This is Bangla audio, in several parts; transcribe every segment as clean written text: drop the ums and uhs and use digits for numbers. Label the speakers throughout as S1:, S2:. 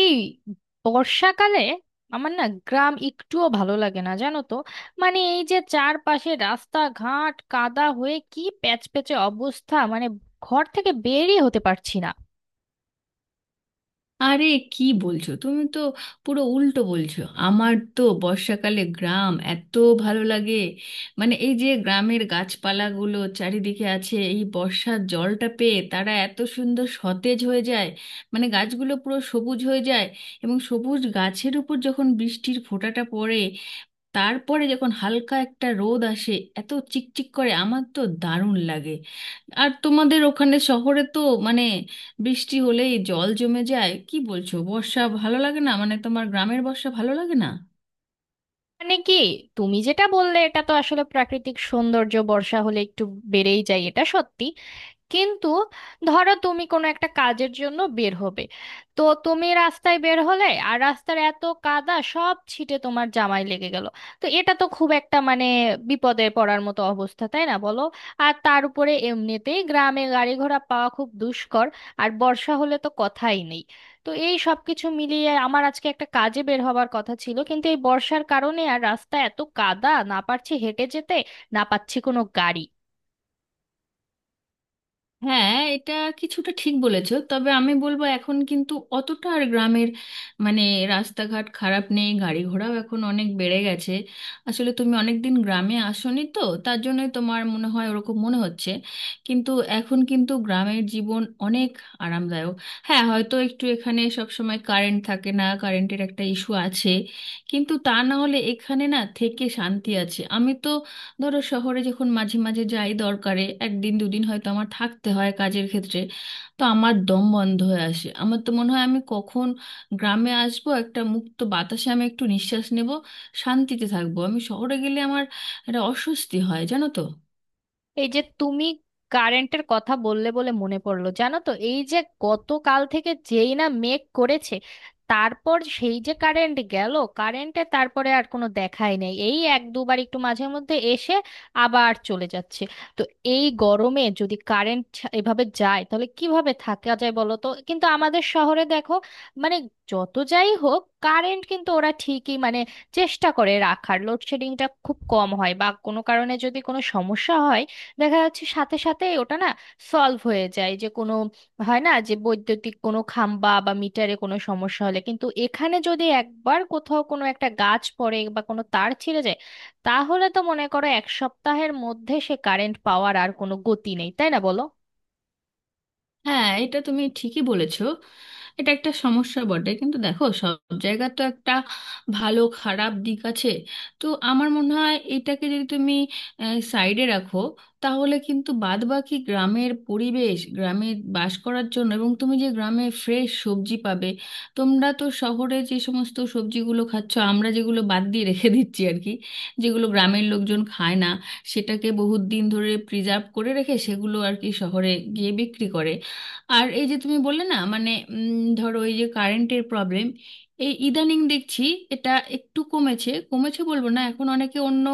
S1: এই বর্ষাকালে আমার না গ্রাম একটুও ভালো লাগে না, জানো তো? মানে এই যে চারপাশে রাস্তাঘাট কাদা হয়ে কি প্যাচপ্যাচে অবস্থা, মানে ঘর থেকে বেরই হতে পারছি না।
S2: আরে, কি বলছো? তুমি তো পুরো উল্টো বলছো। আমার তো বর্ষাকালে গ্রাম এত ভালো লাগে। মানে এই যে গ্রামের গাছপালাগুলো চারিদিকে আছে, এই বর্ষার জলটা পেয়ে তারা এত সুন্দর সতেজ হয়ে যায়, মানে গাছগুলো পুরো সবুজ হয়ে যায়। এবং সবুজ গাছের উপর যখন বৃষ্টির ফোঁটাটা পড়ে, তারপরে যখন হালকা একটা রোদ আসে, এত চিকচিক করে, আমার তো দারুণ লাগে। আর তোমাদের ওখানে শহরে তো মানে বৃষ্টি হলেই জল জমে যায়। কি বলছো, বর্ষা ভালো লাগে না? মানে তোমার গ্রামের বর্ষা ভালো লাগে না?
S1: মানে কি, তুমি যেটা বললে এটা তো আসলে প্রাকৃতিক সৌন্দর্য, বর্ষা হলে একটু বেড়েই যায়, এটা সত্যি। কিন্তু ধরো তুমি কোনো একটা কাজের জন্য বের হবে, তো তুমি রাস্তায় বের হলে আর রাস্তার এত কাদা সব ছিটে তোমার জামায় লেগে গেল, তো এটা তো খুব একটা মানে বিপদে পড়ার মতো অবস্থা, তাই না বলো? আর তার উপরে এমনিতেই গ্রামে গাড়ি ঘোড়া পাওয়া খুব দুষ্কর, আর বর্ষা হলে তো কথাই নেই। তো এই সব কিছু মিলিয়ে আমার আজকে একটা কাজে বের হবার কথা ছিল, কিন্তু এই বর্ষার কারণে আর রাস্তা এত কাদা, না পারছি হেঁটে যেতে, না পাচ্ছি কোনো গাড়ি।
S2: হ্যাঁ, এটা কিছুটা ঠিক বলেছো, তবে আমি বলবো এখন কিন্তু অতটা আর গ্রামের মানে রাস্তাঘাট খারাপ নেই, গাড়ি ঘোড়াও এখন অনেক বেড়ে গেছে। আসলে তুমি অনেকদিন গ্রামে আসোনি তো তার জন্যই তোমার মনে হয় ওরকম মনে হচ্ছে। কিন্তু এখন কিন্তু গ্রামের জীবন অনেক আরামদায়ক। হ্যাঁ, হয়তো একটু এখানে সব সময় কারেন্ট থাকে না, কারেন্টের একটা ইস্যু আছে, কিন্তু তা না হলে এখানে না থেকে শান্তি আছে। আমি তো ধরো শহরে যখন মাঝে মাঝে যাই দরকারে, একদিন দুদিন হয়তো আমার থাকতে হয় কাজের ক্ষেত্রে, তো আমার দম বন্ধ হয়ে আসে। আমার তো মনে হয় আমি কখন গ্রামে আসবো, একটা মুক্ত বাতাসে আমি একটু নিঃশ্বাস নেব, শান্তিতে থাকবো। আমি শহরে গেলে আমার একটা অস্বস্তি হয় জানো তো।
S1: এই যে তুমি কারেন্টের কথা বললে, বলে মনে পড়লো, জানো তো, এই যে গতকাল থেকে যেই না মেঘ করেছে, তারপর সেই যে কারেন্ট গেল, কারেন্টে তারপরে আর কোনো দেখাই নেই, এই এক দুবার একটু মাঝে মধ্যে এসে আবার চলে যাচ্ছে। তো এই গরমে যদি কারেন্ট এভাবে যায় তাহলে কিভাবে থাকা যায় বলো তো? কিন্তু আমাদের শহরে দেখো, মানে যত যাই হোক কারেন্ট কিন্তু ওরা ঠিকই মানে চেষ্টা করে রাখার, লোডশেডিংটা খুব কম হয়, বা কোনো কারণে যদি কোনো সমস্যা হয়, দেখা যাচ্ছে সাথে সাথে ওটা না সলভ হয়ে যায়, যে কোনো হয় না যে বৈদ্যুতিক কোনো খাম্বা বা মিটারে কোনো সমস্যা হলে। কিন্তু এখানে যদি একবার কোথাও কোনো একটা গাছ পড়ে বা কোনো তার ছিঁড়ে যায়, তাহলে তো মনে করো এক সপ্তাহের মধ্যে সে কারেন্ট পাওয়ার আর কোনো গতি নেই, তাই না বলো?
S2: হ্যাঁ, এটা তুমি ঠিকই বলেছো, এটা একটা সমস্যা বটে, কিন্তু দেখো সব জায়গা তো একটা ভালো খারাপ দিক আছে। তো আমার মনে হয় এটাকে যদি তুমি সাইডে রাখো, তাহলে কিন্তু বাদবাকি গ্রামের পরিবেশ গ্রামে বাস করার জন্য, এবং তুমি যে গ্রামে ফ্রেশ সবজি পাবে। তোমরা তো শহরে যে সমস্ত সবজিগুলো খাচ্ছ, আমরা যেগুলো বাদ দিয়ে রেখে দিচ্ছি আর কি, যেগুলো গ্রামের লোকজন খায় না, সেটাকে বহুত দিন ধরে প্রিজার্ভ করে রেখে সেগুলো আর কি শহরে গিয়ে বিক্রি করে। আর এই যে তুমি বললে না মানে ধরো এই যে কারেন্টের প্রবলেম, এই ইদানিং দেখছি এটা একটু কমেছে। কমেছে বলবো না, এখন অনেকে অন্য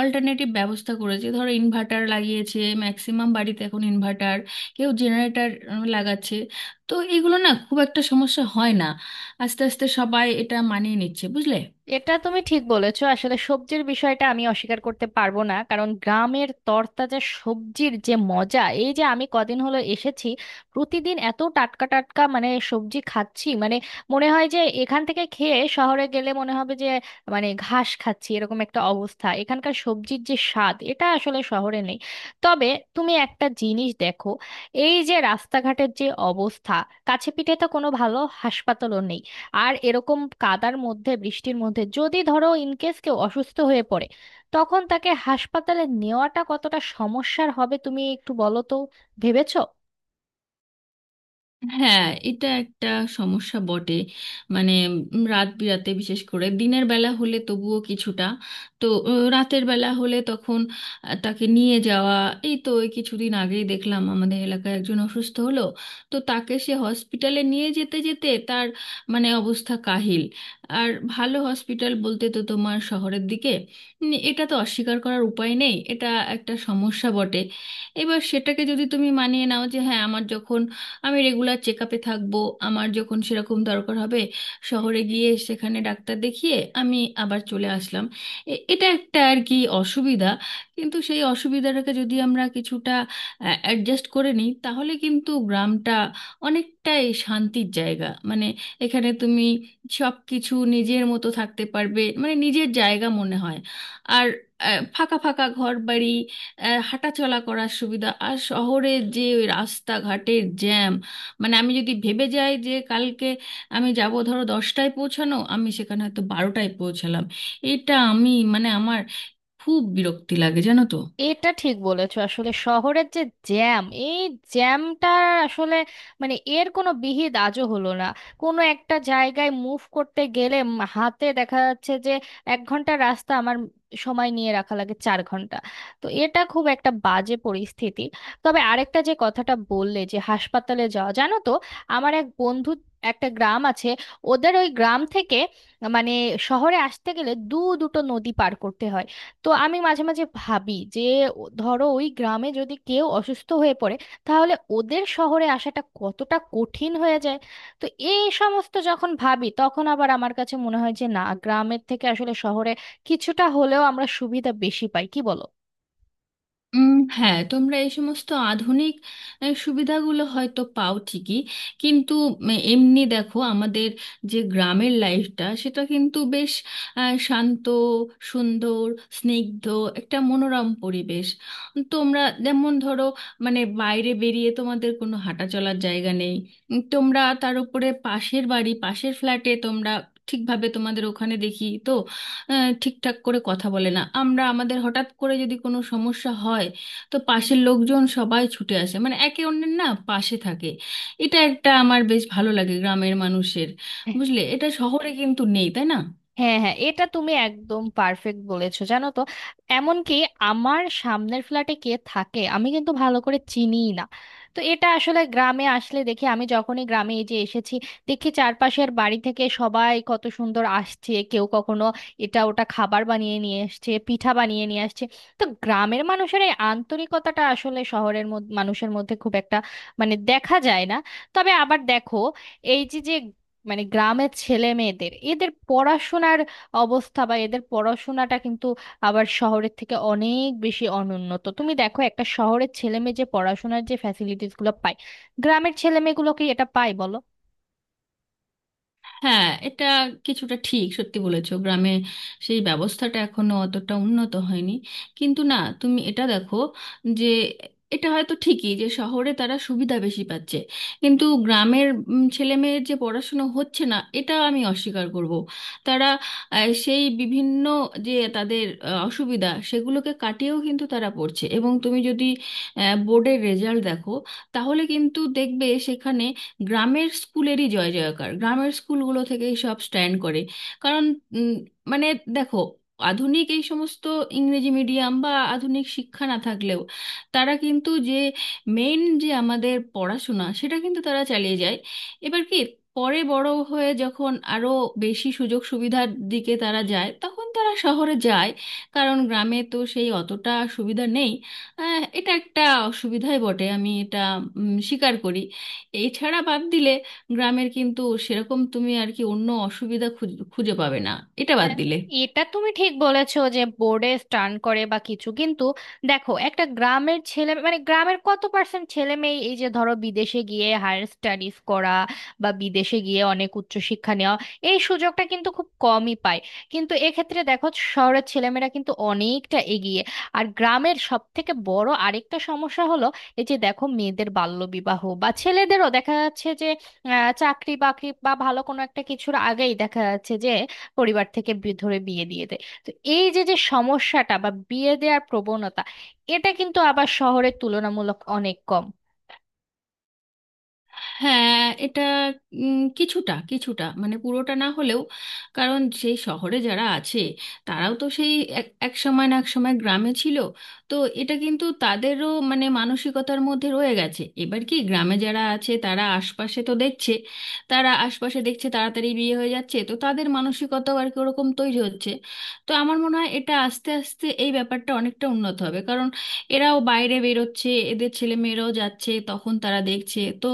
S2: অল্টারনেটিভ ব্যবস্থা করেছে, ধরো ইনভার্টার লাগিয়েছে, ম্যাক্সিমাম বাড়িতে এখন ইনভার্টার, কেউ জেনারেটর লাগাচ্ছে। তো এগুলো না খুব একটা সমস্যা হয় না, আস্তে আস্তে সবাই এটা মানিয়ে নিচ্ছে বুঝলে।
S1: এটা তুমি ঠিক বলেছো, আসলে সবজির বিষয়টা আমি অস্বীকার করতে পারবো না, কারণ গ্রামের তরতাজা সবজির যে মজা, এই যে আমি কদিন হলো এসেছি, প্রতিদিন এত টাটকা টাটকা মানে সবজি খাচ্ছি, মানে মনে হয় যে এখান থেকে খেয়ে শহরে গেলে মনে হবে যে মানে ঘাস খাচ্ছি, এরকম একটা অবস্থা। এখানকার সবজির যে স্বাদ এটা আসলে শহরে নেই। তবে তুমি একটা জিনিস দেখো, এই যে রাস্তাঘাটের যে অবস্থা, কাছে পিঠে তো কোনো ভালো হাসপাতালও নেই, আর এরকম কাদার মধ্যে বৃষ্টির মধ্যে যদি ধরো ইনকেস কেউ অসুস্থ হয়ে পড়ে, তখন তাকে হাসপাতালে নেওয়াটা কতটা সমস্যার হবে তুমি একটু বলো তো, ভেবেছো?
S2: হ্যাঁ, এটা একটা সমস্যা বটে। মানে রাত বিরাতে, বিশেষ করে দিনের বেলা হলে তবুও কিছুটা, তো রাতের বেলা হলে তখন তাকে নিয়ে যাওয়া। এই তো এই কিছুদিন আগেই দেখলাম আমাদের এলাকায় একজন অসুস্থ হলো, তো তাকে সে হসপিটালে নিয়ে যেতে যেতে তার মানে অবস্থা কাহিল। আর ভালো হসপিটাল বলতে তো তোমার শহরের দিকে। এটা তো অস্বীকার করার উপায় নেই, এটা একটা সমস্যা বটে। এবার সেটাকে যদি তুমি মানিয়ে নাও যে হ্যাঁ, আমার যখন আমি রেগুলার চেক আপে থাকবো, আমার যখন সেরকম দরকার হবে শহরে গিয়ে সেখানে ডাক্তার দেখিয়ে আমি আবার চলে আসলাম, এটা একটা আর কি অসুবিধা। কিন্তু সেই অসুবিধাটাকে যদি আমরা কিছুটা অ্যাডজাস্ট করে নিই, তাহলে কিন্তু গ্রামটা অনেকটাই শান্তির জায়গা। মানে এখানে তুমি সব কিছু নিজের মতো থাকতে পারবে, মানে নিজের জায়গা মনে হয়। আর ফাঁকা ফাঁকা ঘর বাড়ি, হাঁটাচলা করার সুবিধা। আর শহরের যে ওই রাস্তাঘাটের জ্যাম, মানে আমি যদি ভেবে যাই যে কালকে আমি যাব, ধরো 10টায় পৌঁছানো, আমি সেখানে হয়তো 12টায় পৌঁছালাম। এটা আমি মানে আমার খুব বিরক্তি লাগে জানো তো।
S1: এটা ঠিক বলেছো, আসলে শহরের যে জ্যাম, এই জ্যামটা আসলে মানে এর কোনো বিহিত আজও হলো না। কোনো একটা জায়গায় মুভ করতে গেলে হাতে দেখা যাচ্ছে যে 1 ঘন্টা রাস্তা আমার সময় নিয়ে রাখা লাগে 4 ঘন্টা। তো এটা খুব একটা বাজে পরিস্থিতি। তবে আরেকটা যে কথাটা বললে যে হাসপাতালে যাওয়া, জানো তো, আমার এক বন্ধু, একটা গ্রাম আছে, ওদের ওই গ্রাম থেকে মানে শহরে আসতে গেলে দুটো নদী পার করতে হয়। তো আমি মাঝে মাঝে ভাবি যে ধরো ওই গ্রামে যদি কেউ অসুস্থ হয়ে পড়ে, তাহলে ওদের শহরে আসাটা কতটা কঠিন হয়ে যায়। তো এই সমস্ত যখন ভাবি তখন আবার আমার কাছে মনে হয় যে না, গ্রামের থেকে আসলে শহরে কিছুটা হলেও আমরা সুবিধা বেশি পাই, কি বলো?
S2: উম, হ্যাঁ, তোমরা এই সমস্ত আধুনিক সুবিধাগুলো হয়তো পাও ঠিকই, কিন্তু এমনি দেখো আমাদের যে গ্রামের লাইফটা, সেটা কিন্তু বেশ শান্ত, সুন্দর, স্নিগ্ধ, একটা মনোরম পরিবেশ। তোমরা যেমন ধরো, মানে বাইরে বেরিয়ে তোমাদের কোনো হাঁটা চলার জায়গা নেই। তোমরা তার উপরে পাশের বাড়ি, পাশের ফ্ল্যাটে তোমরা ঠিকভাবে, তোমাদের ওখানে দেখি তো ঠিকঠাক করে কথা বলে না। আমরা আমাদের হঠাৎ করে যদি কোনো সমস্যা হয়, তো পাশের লোকজন সবাই ছুটে আসে, মানে একে অন্যের না পাশে থাকে। এটা একটা আমার বেশ ভালো লাগে গ্রামের মানুষের, বুঝলে, এটা শহরে কিন্তু নেই তাই না।
S1: হ্যাঁ হ্যাঁ, এটা তুমি একদম পারফেক্ট বলেছো, জানো তো, এমনকি আমার সামনের ফ্ল্যাটে কে থাকে আমি কিন্তু ভালো করে চিনিই না। তো এটা আসলে গ্রামে আসলে দেখি, আমি যখনই গ্রামে এই যে এসেছি, দেখি চারপাশের বাড়ি থেকে সবাই কত সুন্দর আসছে, কেউ কখনো এটা ওটা খাবার বানিয়ে নিয়ে আসছে, পিঠা বানিয়ে নিয়ে আসছে। তো গ্রামের মানুষের এই আন্তরিকতাটা আসলে শহরের মধ্যে মানুষের মধ্যে খুব একটা মানে দেখা যায় না। তবে আবার দেখো, এই যে যে মানে গ্রামের ছেলে মেয়েদের এদের পড়াশোনার অবস্থা বা এদের পড়াশোনাটা কিন্তু আবার শহরের থেকে অনেক বেশি অনুন্নত। তুমি দেখো, একটা শহরের ছেলে মেয়ে যে পড়াশোনার যে ফ্যাসিলিটিস গুলো পায়, গ্রামের ছেলে মেয়েগুলো কি এটা পায় বলো?
S2: হ্যাঁ, এটা কিছুটা ঠিক সত্যি বলেছো, গ্রামে সেই ব্যবস্থাটা এখনো অতটা উন্নত হয়নি। কিন্তু না, তুমি এটা দেখো যে এটা হয়তো ঠিকই যে শহরে তারা সুবিধা বেশি পাচ্ছে, কিন্তু গ্রামের ছেলেমেয়ের যে পড়াশুনো হচ্ছে না এটা আমি অস্বীকার করব। তারা সেই বিভিন্ন যে তাদের অসুবিধা, সেগুলোকে কাটিয়েও কিন্তু তারা পড়ছে। এবং তুমি যদি বোর্ডের রেজাল্ট দেখো, তাহলে কিন্তু দেখবে সেখানে গ্রামের স্কুলেরই জয় জয়কার, গ্রামের স্কুলগুলো থেকেই সব স্ট্যান্ড করে। কারণ উম, মানে দেখো, আধুনিক এই সমস্ত ইংরেজি মিডিয়াম বা আধুনিক শিক্ষা না থাকলেও, তারা কিন্তু যে মেইন যে আমাদের পড়াশোনা সেটা কিন্তু তারা চালিয়ে যায়। এবার কি পরে বড় হয়ে যখন আরো বেশি সুযোগ সুবিধার দিকে তারা যায়, তখন তারা শহরে যায়, কারণ গ্রামে তো সেই অতটা সুবিধা নেই। এটা একটা অসুবিধাই বটে, আমি এটা স্বীকার করি। এছাড়া বাদ দিলে গ্রামের কিন্তু সেরকম তুমি আর কি অন্য অসুবিধা খুঁজে পাবে না, এটা
S1: না,
S2: বাদ দিলে।
S1: এটা তুমি ঠিক বলেছো যে বোর্ডে স্টান করে বা কিছু, কিন্তু দেখো একটা গ্রামের ছেলে, মানে গ্রামের কত পার্সেন্ট ছেলে মেয়ে এই যে ধরো বিদেশে গিয়ে হায়ার স্টাডিজ করা বা বিদেশে গিয়ে অনেক উচ্চশিক্ষা নেওয়া, এই সুযোগটা কিন্তু খুব কমই পায়। কিন্তু এক্ষেত্রে দেখো শহরের ছেলেমেয়েরা কিন্তু অনেকটা এগিয়ে। আর গ্রামের সব থেকে বড় আরেকটা সমস্যা হলো, এই যে দেখো মেয়েদের বাল্যবিবাহ, বা ছেলেদেরও দেখা যাচ্ছে যে চাকরি বাকরি বা ভালো কোনো একটা কিছুর আগেই দেখা যাচ্ছে যে পরিবার থেকে ধরে বিয়ে দিয়ে দেয়। তো এই যে যে সমস্যাটা বা বিয়ে দেওয়ার প্রবণতা, এটা কিন্তু আবার শহরের তুলনামূলক অনেক কম।
S2: হ্যাঁ, এটা কিছুটা কিছুটা মানে পুরোটা না হলেও, কারণ সেই শহরে যারা আছে তারাও তো সেই এক এক সময় না এক সময় গ্রামে ছিল। তো এটা কিন্তু তাদেরও মানে মানসিকতার মধ্যে রয়ে গেছে। এবার কি গ্রামে যারা আছে, তারা আশপাশে তো দেখছে, তারা আশপাশে দেখছে তাড়াতাড়ি বিয়ে হয়ে যাচ্ছে, তো তাদের মানসিকতাও আর কি ওরকম তৈরি হচ্ছে। তো আমার মনে হয় এটা আস্তে আস্তে এই ব্যাপারটা অনেকটা উন্নত হবে, কারণ এরাও বাইরে বেরোচ্ছে, এদের ছেলে মেয়েরাও যাচ্ছে, তখন তারা দেখছে তো।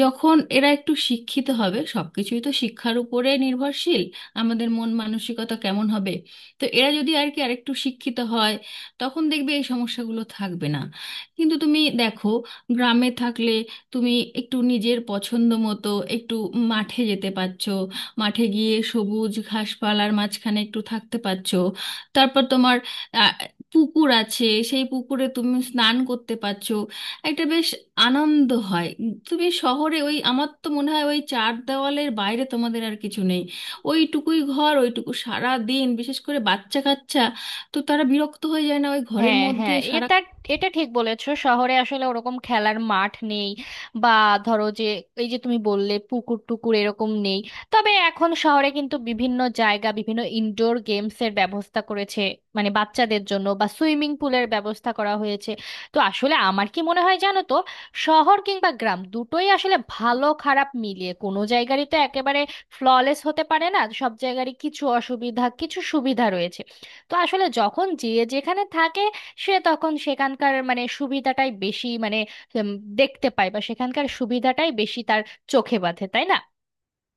S2: যখন এরা একটু শিক্ষিত হবে, সবকিছুই তো শিক্ষার উপরে নির্ভরশীল আমাদের মন মানসিকতা কেমন হবে, তো এরা যদি আর কি আরেকটু শিক্ষিত হয়, তখন দেখবে এই সমস্যাগুলো থাকবে না। কিন্তু তুমি দেখো, গ্রামে থাকলে তুমি একটু নিজের পছন্দ মতো একটু মাঠে যেতে পারছো, মাঠে গিয়ে সবুজ ঘাসপালার মাঝখানে একটু থাকতে পারছো। তারপর তোমার আহ, পুকুর আছে, সেই পুকুরে তুমি স্নান করতে পারছো, একটা বেশ আনন্দ হয়। তুমি শহরে ওই, আমার তো মনে হয় ওই চার দেওয়ালের বাইরে তোমাদের আর কিছু নেই, ওইটুকুই ঘর, ওইটুকু সারা দিন, বিশেষ করে বাচ্চা কাচ্চা, তো তারা বিরক্ত হয়ে যায় না ওই ঘরের
S1: হ্যাঁ
S2: মধ্যে
S1: হ্যাঁ, এটা
S2: সারা
S1: এটা ঠিক বলেছো, শহরে আসলে ওরকম খেলার মাঠ নেই, বা ধরো যে এই যে তুমি বললে পুকুর টুকুর এরকম নেই। তবে এখন শহরে কিন্তু বিভিন্ন জায়গা বিভিন্ন ইনডোর গেমস এর ব্যবস্থা করেছে, মানে বাচ্চাদের জন্য, বা সুইমিং পুলের ব্যবস্থা করা হয়েছে। তো আসলে আমার কি মনে হয় জানো তো, শহর কিংবা গ্রাম দুটোই আসলে ভালো খারাপ মিলিয়ে, কোনো জায়গারই তো একেবারে ফ্ললেস হতে পারে না, সব জায়গারই কিছু অসুবিধা কিছু সুবিধা রয়েছে। তো আসলে যখন যে যেখানে থাকে, সে তখন সেখানকার মানে সুবিধাটাই বেশি, মানে উম, দেখতে পায়, বা সেখানকার সুবিধাটাই বেশি তার চোখে বাঁধে, তাই না?